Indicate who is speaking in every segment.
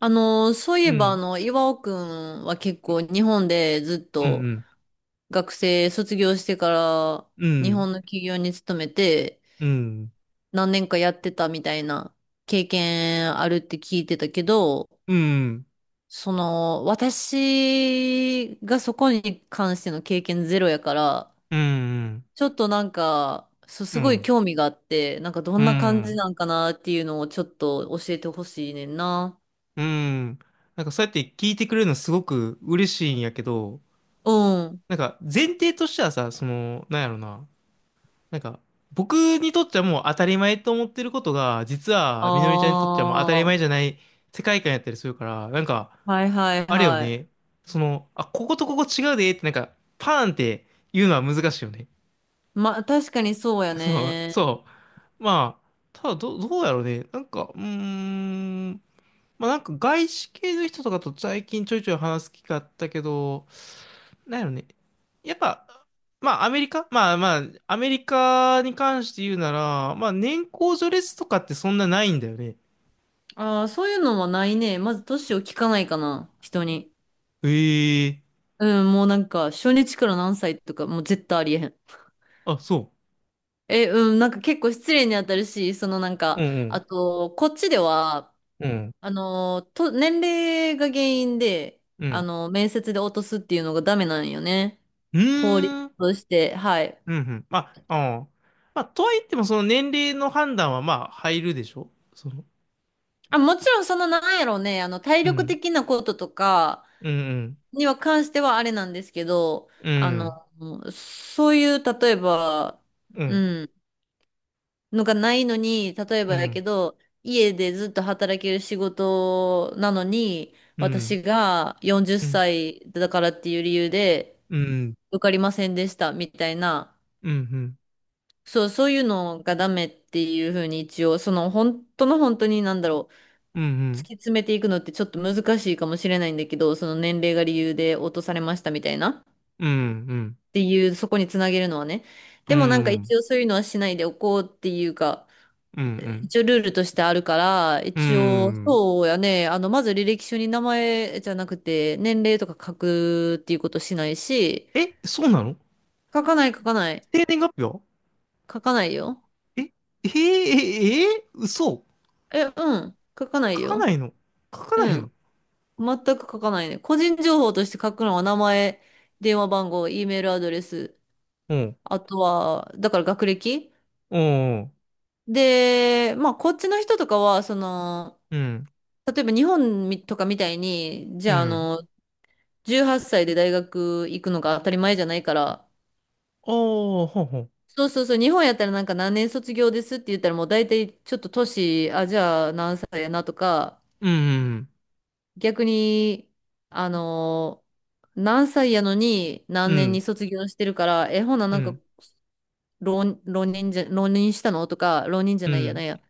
Speaker 1: そうい
Speaker 2: う
Speaker 1: えば、
Speaker 2: ん、
Speaker 1: 岩尾くんは結構日本でずっ
Speaker 2: う
Speaker 1: と
Speaker 2: ん、
Speaker 1: 学生卒業してから
Speaker 2: う
Speaker 1: 日
Speaker 2: ん、
Speaker 1: 本の企業に勤めて
Speaker 2: うん、うん、
Speaker 1: 何年かやってたみたいな経験あるって聞いてたけど、
Speaker 2: うん、
Speaker 1: その、私がそこに関しての経験ゼロやから、
Speaker 2: うん、
Speaker 1: ちょっとなんか、そうすごい
Speaker 2: う
Speaker 1: 興味があって、なんかど
Speaker 2: ん、
Speaker 1: んな感じなんかなっていうのをちょっと教えてほしいねんな。
Speaker 2: うん。なんかそうやって聞いてくれるのすごく嬉しいんやけど、
Speaker 1: うん。
Speaker 2: なんか前提としてはさ、なんやろな、なんか僕にとってはもう当たり前と思ってることが、実
Speaker 1: あ
Speaker 2: はみのりちゃんにとってはもう当たり前じ
Speaker 1: あ。
Speaker 2: ゃない世界観やったりするから、なんか、
Speaker 1: はいはい
Speaker 2: あれよ
Speaker 1: はい。
Speaker 2: ね。あ、こことここ違うでって、なんか、パーンって言うのは難しいよね。
Speaker 1: まあ、確かにそうや
Speaker 2: そう、
Speaker 1: ね。
Speaker 2: そう。まあ、ただどうやろうね。なんか、うーん。まあなんか外資系の人とかと最近ちょいちょい話す機会あったけど、なんやろね。やっぱ、まあアメリカまあまあ、アメリカに関して言うなら、まあ年功序列とかってそんなないんだよね。
Speaker 1: ああ、そういうのはないね。まず年を聞かないかな、人に。
Speaker 2: ええ
Speaker 1: うん、もうなんか、初日から何歳とか、もう絶対ありえへん。
Speaker 2: あ、そ
Speaker 1: え、うん、なんか結構失礼に当たるし、そのなん
Speaker 2: う。う
Speaker 1: か、あ
Speaker 2: ん
Speaker 1: と、こっちでは、
Speaker 2: うん。うん。
Speaker 1: 年齢が原因で、
Speaker 2: う
Speaker 1: あ
Speaker 2: ん。
Speaker 1: の、面接で落とすっていうのがダメなんよね。
Speaker 2: う
Speaker 1: 法律
Speaker 2: ーん。
Speaker 1: として、はい。
Speaker 2: うんうん。まあ、ああ。まあ、とはいってもその年齢の判断はまあ入るでしょ
Speaker 1: あ、もちろんそのなんやろうね、あの、体
Speaker 2: う
Speaker 1: 力
Speaker 2: ん。
Speaker 1: 的なこととか、
Speaker 2: うん
Speaker 1: には関してはあれなんですけど、
Speaker 2: うん。う
Speaker 1: あ
Speaker 2: ん。
Speaker 1: の、そういう、例えば、
Speaker 2: う
Speaker 1: う
Speaker 2: ん。
Speaker 1: ん、のがないのに、例え
Speaker 2: う
Speaker 1: ばやけ
Speaker 2: ん、
Speaker 1: ど、家でずっと働ける仕事なのに、
Speaker 2: うん、
Speaker 1: 私が40
Speaker 2: うん、
Speaker 1: 歳だからっていう理由で
Speaker 2: うん、
Speaker 1: 受かりませんでしたみたいな、
Speaker 2: うん、うん、
Speaker 1: そう、そういうのがダメっていうふうに一応、その本当の本当になんだろう、
Speaker 2: う
Speaker 1: 突
Speaker 2: ん、
Speaker 1: き詰めていくのってちょっと難しいかもしれないんだけど、その年齢が理由で落とされましたみたいな。
Speaker 2: うん、うん、
Speaker 1: っていう、そこにつなげるのはね。
Speaker 2: う
Speaker 1: でもなんか
Speaker 2: ん、
Speaker 1: 一応そういうのはしないでおこうっていうか、
Speaker 2: うん、
Speaker 1: 一応ルールとしてあるから、
Speaker 2: う
Speaker 1: 一応、
Speaker 2: ん。
Speaker 1: そうやね、あの、まず履歴書に名前じゃなくて、年齢とか書くっていうことしないし、
Speaker 2: え、そうなの？
Speaker 1: 書かない書かない。
Speaker 2: 生年月日は？
Speaker 1: 書かないよ。
Speaker 2: え、えー、えー、えー、嘘。
Speaker 1: え、うん。書かな
Speaker 2: 書
Speaker 1: い
Speaker 2: か
Speaker 1: よ。
Speaker 2: ないの？書か
Speaker 1: う
Speaker 2: ないの？
Speaker 1: ん。全く書かないね。個人情報として書くのは名前、電話番号、E メールアドレス、
Speaker 2: うん、
Speaker 1: あとは、だから学歴
Speaker 2: うん、
Speaker 1: で、まあ、こっちの人とかは、その、
Speaker 2: うん、
Speaker 1: 例えば日本みとかみたいに、じ
Speaker 2: う
Speaker 1: ゃあ、あ
Speaker 2: ん。
Speaker 1: の、18歳で大学行くのが当たり前じゃないから、
Speaker 2: ああ、ほうほう。
Speaker 1: そうそうそう、日本やったらなんか何年卒業ですって言ったらもう大体ちょっと年、あ、じゃあ何歳やなとか、
Speaker 2: うん、
Speaker 1: 逆に、あの、何歳やのに
Speaker 2: う
Speaker 1: 何年に
Speaker 2: ん、
Speaker 1: 卒業してるから、え、ほな
Speaker 2: う
Speaker 1: なんか
Speaker 2: ん、
Speaker 1: 浪人したのとか、浪人じゃ
Speaker 2: う
Speaker 1: ないやな
Speaker 2: ん。
Speaker 1: んや。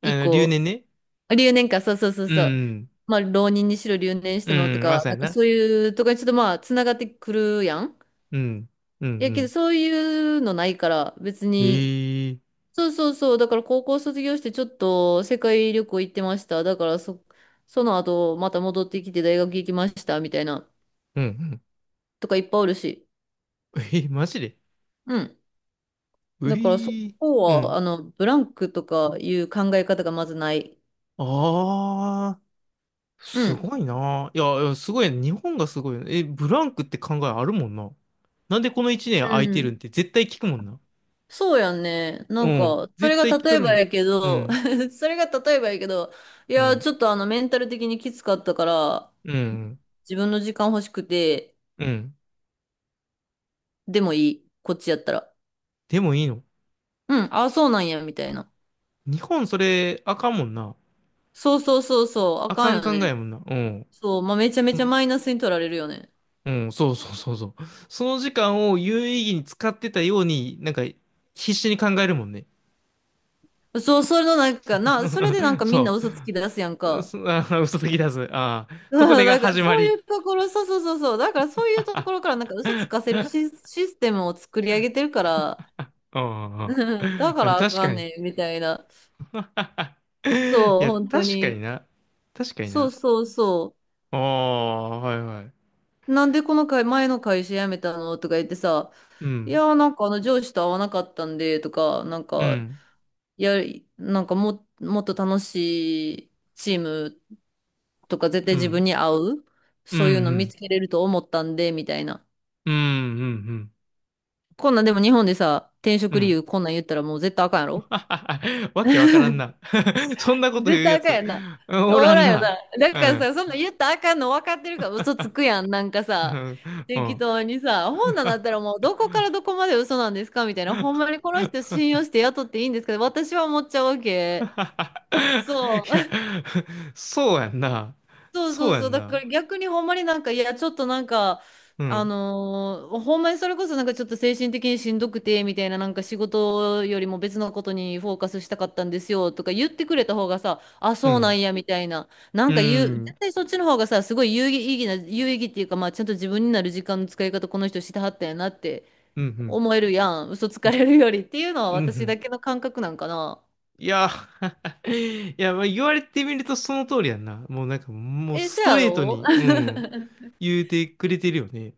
Speaker 1: 一
Speaker 2: 留
Speaker 1: 個
Speaker 2: 年ね。
Speaker 1: 留年か、そうそうそう
Speaker 2: う
Speaker 1: そう。
Speaker 2: ん、
Speaker 1: まあ、浪人にしろ留年し
Speaker 2: う
Speaker 1: たのと
Speaker 2: ん、ま
Speaker 1: か、
Speaker 2: さや
Speaker 1: なんか
Speaker 2: な。
Speaker 1: そういうとかにちょっとまあ、つながってくるやん。
Speaker 2: うん、うん、
Speaker 1: い
Speaker 2: う
Speaker 1: やけど、
Speaker 2: ん。
Speaker 1: そういうのないから、別に。
Speaker 2: へえ、
Speaker 1: そうそうそう。だから高校卒業してちょっと世界旅行行ってました。だからそ、その後、また戻ってきて大学行きました、みたいな、
Speaker 2: うん、うん。
Speaker 1: とかいっぱいおるし。
Speaker 2: えー、マジで？
Speaker 1: うん。
Speaker 2: う
Speaker 1: だからそ
Speaker 2: いー。
Speaker 1: こ
Speaker 2: う
Speaker 1: は、
Speaker 2: ん。
Speaker 1: あの、ブランクとかいう考え方がまずない。
Speaker 2: ああ、
Speaker 1: う
Speaker 2: す
Speaker 1: ん。
Speaker 2: ごいな。いや、いやすごいね。日本がすごいね。え、ブランクって考えあるもんな。なんでこの一年
Speaker 1: う
Speaker 2: 空いてるん
Speaker 1: ん
Speaker 2: って絶対聞くもんな。
Speaker 1: そうやんね。な
Speaker 2: う
Speaker 1: ん
Speaker 2: ん。
Speaker 1: か、それ
Speaker 2: 絶
Speaker 1: が
Speaker 2: 対聞
Speaker 1: 例
Speaker 2: か
Speaker 1: え
Speaker 2: れるも
Speaker 1: ば
Speaker 2: ん。
Speaker 1: やけ
Speaker 2: う
Speaker 1: ど、
Speaker 2: ん。
Speaker 1: それが例えばやけど、い
Speaker 2: う
Speaker 1: や、
Speaker 2: ん。
Speaker 1: ちょっとあの、メンタル的にきつかったから、
Speaker 2: うん。
Speaker 1: 自分の時間欲しくて、
Speaker 2: うん。
Speaker 1: でもいい。こっちやったら。
Speaker 2: でもいいの？
Speaker 1: うん、あそうなんや、みたいな。
Speaker 2: 日本それあかんもんな。
Speaker 1: そうそうそうそう、あ
Speaker 2: あ
Speaker 1: か
Speaker 2: かん
Speaker 1: んよ
Speaker 2: 考え
Speaker 1: ね。
Speaker 2: やもんな。うん。
Speaker 1: そう、まあ、めちゃめ
Speaker 2: う
Speaker 1: ちゃ
Speaker 2: ん。
Speaker 1: マイナスに取られるよね。
Speaker 2: うんそうそうそうそう。その時間を有意義に使ってたように、なんか必死に考えるもんね。
Speaker 1: そう、それのなんか、な、それでなん かみんな
Speaker 2: そ
Speaker 1: 嘘つき出すやん
Speaker 2: う。う
Speaker 1: か。
Speaker 2: すあー嘘つき出す。ああ。そこ
Speaker 1: そう
Speaker 2: でが
Speaker 1: だから
Speaker 2: 始ま
Speaker 1: そうい
Speaker 2: り。
Speaker 1: うところ、そうそうそうそう、だからそういうところから なんか嘘つかせるシ、システムを作り上げてるから、
Speaker 2: うん
Speaker 1: うん、だか
Speaker 2: うん
Speaker 1: らあ
Speaker 2: 確
Speaker 1: か
Speaker 2: か
Speaker 1: ん
Speaker 2: に。
Speaker 1: ねん、みたいな。
Speaker 2: い
Speaker 1: そう、
Speaker 2: や、
Speaker 1: 本当
Speaker 2: 確か
Speaker 1: に。
Speaker 2: にな。確かに
Speaker 1: そう
Speaker 2: な。
Speaker 1: そうそ
Speaker 2: ああ、はいはい。
Speaker 1: う。なんでこの会、前の会社辞めたのとか言ってさ、
Speaker 2: う
Speaker 1: い
Speaker 2: ん。
Speaker 1: やーなんかあの上司と会わなかったんで、とか、なん
Speaker 2: う
Speaker 1: か、
Speaker 2: ん。
Speaker 1: やなんかも、もっと楽しいチームとか絶対
Speaker 2: う
Speaker 1: 自分
Speaker 2: ん。
Speaker 1: に合う、
Speaker 2: う
Speaker 1: そういうの見
Speaker 2: ん。
Speaker 1: つけれると思ったんで、みたいな。
Speaker 2: うん。うん。うんうん
Speaker 1: こんなんでも日本でさ、転
Speaker 2: う
Speaker 1: 職理
Speaker 2: ん
Speaker 1: 由こんなん言ったらもう絶対あかんやろ。
Speaker 2: わけわからん な。そんなこと
Speaker 1: 絶
Speaker 2: 言う
Speaker 1: 対
Speaker 2: や
Speaker 1: あかん
Speaker 2: つ、
Speaker 1: やんな。
Speaker 2: おら
Speaker 1: お
Speaker 2: ん
Speaker 1: らんよな。
Speaker 2: な。
Speaker 1: だ
Speaker 2: う
Speaker 1: から
Speaker 2: ん。
Speaker 1: さ、そんなん言ったらあかんの分かってるから嘘つくやん。なんか
Speaker 2: う
Speaker 1: さ、
Speaker 2: ん。う
Speaker 1: 適
Speaker 2: ん。
Speaker 1: 当にさ、本なんだったらもうどこからどこまで嘘なんですかみたいな。ほんまにこの人信用して雇っていいんですか、私は思っちゃうわけ。
Speaker 2: い
Speaker 1: そ
Speaker 2: や、
Speaker 1: う。
Speaker 2: そうやんな。
Speaker 1: そう
Speaker 2: そ
Speaker 1: そ
Speaker 2: う
Speaker 1: う
Speaker 2: や
Speaker 1: そう。
Speaker 2: ん
Speaker 1: だ
Speaker 2: な。
Speaker 1: から逆にほんまになんか、いや、ちょっとなんか、
Speaker 2: う
Speaker 1: あ
Speaker 2: ん、
Speaker 1: のーほんまにそれこそなんかちょっと精神的にしんどくて、みたいな、なんか仕事よりも別のことにフォーカスしたかったんですよ、とか言ってくれた方がさ、あ、
Speaker 2: う
Speaker 1: そうな
Speaker 2: ん、
Speaker 1: んや、みたいな。な
Speaker 2: う
Speaker 1: んか言う、
Speaker 2: ん、
Speaker 1: 絶対そっちの方がさ、すごい有意義な、有意義っていうか、まあちゃんと自分になる時間の使い方、この人してはったんやなって
Speaker 2: うん、うん、
Speaker 1: 思えるやん。嘘つかれるよりっていうのは
Speaker 2: う
Speaker 1: 私
Speaker 2: ん。
Speaker 1: だけの感覚なんかな。
Speaker 2: いや、いや、まあ、言われてみるとその通りやんな。もうなんか、もう
Speaker 1: え、
Speaker 2: ス
Speaker 1: そ
Speaker 2: ト
Speaker 1: や
Speaker 2: レート
Speaker 1: ろ。
Speaker 2: に、うん、言うてくれてるよね。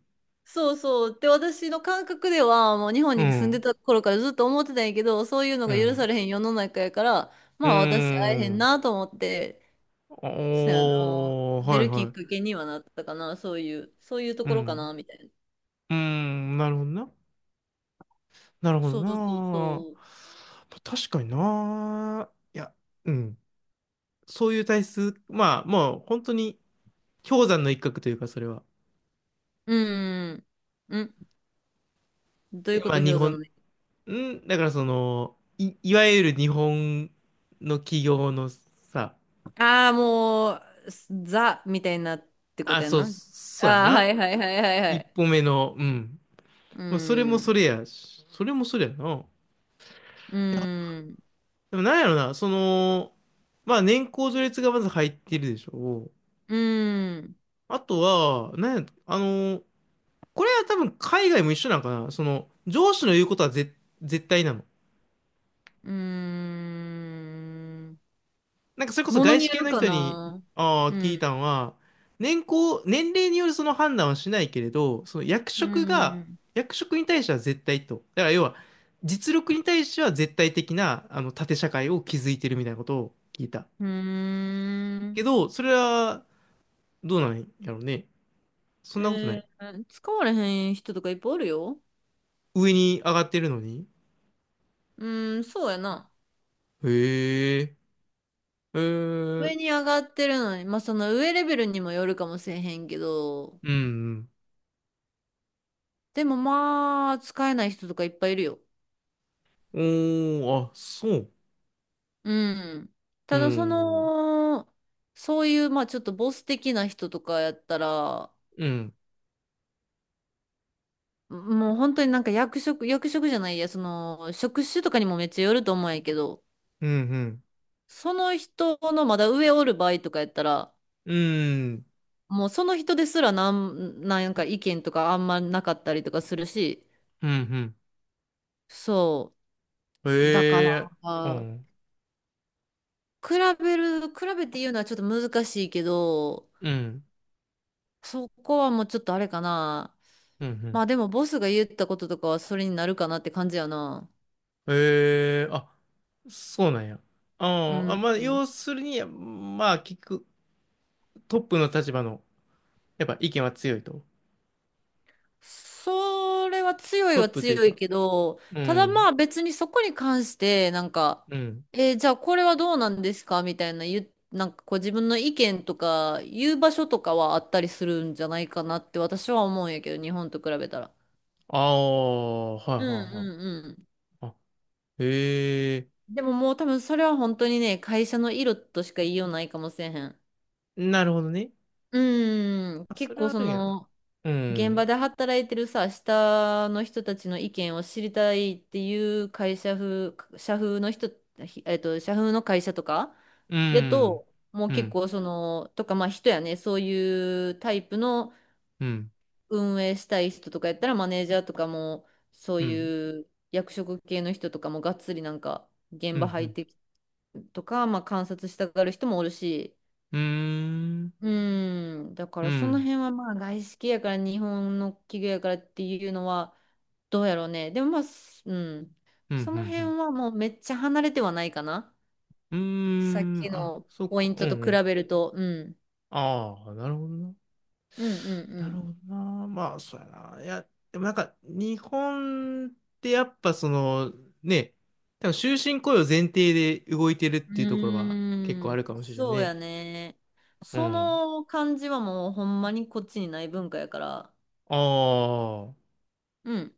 Speaker 1: そうそう。で、私の感覚では、もう日本
Speaker 2: う
Speaker 1: に住んで
Speaker 2: ん、
Speaker 1: た頃からずっと思ってたんやけど、そういうの
Speaker 2: う
Speaker 1: が許さ
Speaker 2: ん、
Speaker 1: れへん世の中やから、
Speaker 2: うー
Speaker 1: まあ私会えへん
Speaker 2: ん。
Speaker 1: なと思って、そうやな。
Speaker 2: おー、
Speaker 1: 出
Speaker 2: はい
Speaker 1: るき
Speaker 2: は
Speaker 1: っ
Speaker 2: い。
Speaker 1: かけにはなったかな、そういう、そういうと
Speaker 2: う
Speaker 1: ころか
Speaker 2: ん、
Speaker 1: な、みたいな。
Speaker 2: うーん、なるほどな。なるほど
Speaker 1: そ
Speaker 2: な。
Speaker 1: うそう
Speaker 2: ま
Speaker 1: そう。
Speaker 2: あ確かにな。いや、うん。そういう体質、まあ、もう本当に氷山の一角というか、それは。
Speaker 1: うん。うん。どうい
Speaker 2: え
Speaker 1: うこ
Speaker 2: まあ、
Speaker 1: と氷
Speaker 2: 日
Speaker 1: 山の
Speaker 2: 本、
Speaker 1: ね。
Speaker 2: ん、だからいわゆる日本の企業のさ、
Speaker 1: ああ、もう、すザみたいになってこ
Speaker 2: あ、
Speaker 1: とやん
Speaker 2: そう、
Speaker 1: な。
Speaker 2: そうや
Speaker 1: ああ、は
Speaker 2: な。
Speaker 1: いはいはいはいは
Speaker 2: 一
Speaker 1: い。
Speaker 2: 歩目の、うん。
Speaker 1: う
Speaker 2: まあ、それもそ
Speaker 1: ん。
Speaker 2: れやし、それもそれやな。
Speaker 1: うん。
Speaker 2: でもなんやろな、まあ年功序列がまず入ってるでしょ。
Speaker 1: うん。
Speaker 2: あとは、なんや、これは多分海外も一緒なんかな。その、上司の言うことは絶対なの。
Speaker 1: うーん。
Speaker 2: なんかそれこそ
Speaker 1: もの
Speaker 2: 外
Speaker 1: に
Speaker 2: 資
Speaker 1: よ
Speaker 2: 系
Speaker 1: る
Speaker 2: の
Speaker 1: か
Speaker 2: 人に、
Speaker 1: な。
Speaker 2: あ
Speaker 1: う
Speaker 2: あ、聞い
Speaker 1: ん。
Speaker 2: たのは、年齢によるその判断はしないけれど、
Speaker 1: うん。
Speaker 2: 役職に対しては絶対と。だから要は、実力に対しては絶対的な、縦社会を築いてるみたいなことを聞いた。
Speaker 1: うーん。
Speaker 2: けど、それは、どうなんやろうね。そんなことない。
Speaker 1: えー、使われへん人とかいっぱいおるよ。
Speaker 2: 上に上がってるのに。
Speaker 1: うーん、そうやな。
Speaker 2: へえ、へえ、
Speaker 1: 上に上がってるのに、まあその上レベルにもよるかもしれへんけど、
Speaker 2: うん、
Speaker 1: でもまあ、使えない人とかいっぱいいるよ。
Speaker 2: うん。おー、あ、そう。
Speaker 1: うん。
Speaker 2: う
Speaker 1: ただそ
Speaker 2: ん、
Speaker 1: の、そういう、まあちょっとボス的な人とかやったら、
Speaker 2: うん、
Speaker 1: もう本当になんか役職、役職じゃないや、その、職種とかにもめっちゃよると思うんやけど、
Speaker 2: うん、うん、
Speaker 1: その人のまだ上おる場合とかやったら、
Speaker 2: うん。
Speaker 1: もうその人ですらなんか意見とかあんまなかったりとかするし、
Speaker 2: うんうん
Speaker 1: そう。だか
Speaker 2: ええう
Speaker 1: ら、
Speaker 2: ん、
Speaker 1: 比比べて言うのはちょっと難しいけど、
Speaker 2: うん、
Speaker 1: そこはもうちょっとあれかな。
Speaker 2: うん、う
Speaker 1: ま
Speaker 2: ん。
Speaker 1: あでもボスが言ったこととかはそれになるかなって感じやな。
Speaker 2: ええあ、そうなんや。
Speaker 1: う
Speaker 2: あーあ、
Speaker 1: ん。
Speaker 2: まあ、要するに、まあ、聞く、トップの立場の、やっぱ意見は強いと。
Speaker 1: それは強い
Speaker 2: トッ
Speaker 1: は
Speaker 2: プという
Speaker 1: 強い
Speaker 2: か、
Speaker 1: けど、
Speaker 2: う
Speaker 1: ただま
Speaker 2: ん、
Speaker 1: あ別にそこに関して、なんか、
Speaker 2: うん。
Speaker 1: えーじゃあこれはどうなんですかみたいな言う、なんかこう自分の意見とか言う場所とかはあったりするんじゃないかなって私は思うんやけど、日本と比べたら。
Speaker 2: ああ、はいは
Speaker 1: うん
Speaker 2: い
Speaker 1: う
Speaker 2: はい。
Speaker 1: んう
Speaker 2: あ、へえ
Speaker 1: ん。でももう多分それは本当にね、会社の色としか言いようないかもしれへん。
Speaker 2: なるほどね。
Speaker 1: うーん、
Speaker 2: あ、そ
Speaker 1: 結
Speaker 2: れ
Speaker 1: 構
Speaker 2: あ
Speaker 1: そ
Speaker 2: るんやな。
Speaker 1: の、
Speaker 2: う
Speaker 1: 現場
Speaker 2: ん、
Speaker 1: で働いてるさ、下の人たちの意見を知りたいっていう会社風、社風の人、ひえっと、社風の会社とか、
Speaker 2: う
Speaker 1: や
Speaker 2: ん、
Speaker 1: と、もう
Speaker 2: う
Speaker 1: 結
Speaker 2: ん、
Speaker 1: 構その、とか、まあ人やね、そういうタイプの
Speaker 2: うん、
Speaker 1: 運営したい人とかやったら、マネージャーとかも、そう
Speaker 2: うん、
Speaker 1: いう役職系の人とかもがっつりなんか、
Speaker 2: う
Speaker 1: 現場
Speaker 2: ん、う
Speaker 1: 入っ
Speaker 2: ん、
Speaker 1: てきてとか、まあ観察したがる人もおるし、
Speaker 2: うん、
Speaker 1: うーん、だか
Speaker 2: う
Speaker 1: らその
Speaker 2: ん、
Speaker 1: 辺はまあ外資系やから日本の企業やからっていうのは、どうやろうね。でもまあ、すうん。
Speaker 2: うん、う
Speaker 1: その辺
Speaker 2: ん、
Speaker 1: はもうめっちゃ離れてはないかな。
Speaker 2: うん。
Speaker 1: さっ
Speaker 2: うん、
Speaker 1: き
Speaker 2: あ、
Speaker 1: の
Speaker 2: そっ
Speaker 1: ポイ
Speaker 2: か、
Speaker 1: ン
Speaker 2: う
Speaker 1: ト
Speaker 2: ん、
Speaker 1: と
Speaker 2: う
Speaker 1: 比
Speaker 2: ん
Speaker 1: べると。うん。
Speaker 2: ああ、なるほどな。
Speaker 1: うん
Speaker 2: なる
Speaker 1: う
Speaker 2: ほどな。まあ、そうやな。いや、でもなんか、日本ってやっぱね、多分終身雇用前提で動いてるっ
Speaker 1: ん
Speaker 2: て
Speaker 1: う
Speaker 2: いうところは結
Speaker 1: ん。
Speaker 2: 構
Speaker 1: うー
Speaker 2: ある
Speaker 1: ん。
Speaker 2: かもしれん
Speaker 1: そう
Speaker 2: ね。
Speaker 1: やね。
Speaker 2: う
Speaker 1: そ
Speaker 2: ん。
Speaker 1: の感じはもうほんまにこっちにない文化やから。
Speaker 2: ああ、
Speaker 1: うん。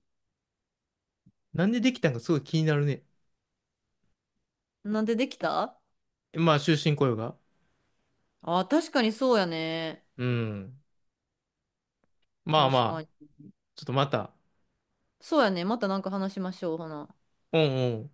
Speaker 2: なんでできたんかすごい気になるね。
Speaker 1: なんでできた
Speaker 2: まあ、終身雇用が。
Speaker 1: あ、確かにそうやね。
Speaker 2: うん。まあ
Speaker 1: 確か
Speaker 2: まあ、
Speaker 1: に。
Speaker 2: ちょっとまた、
Speaker 1: そうやね。またなんか話しましょう、ほな。
Speaker 2: うんうん。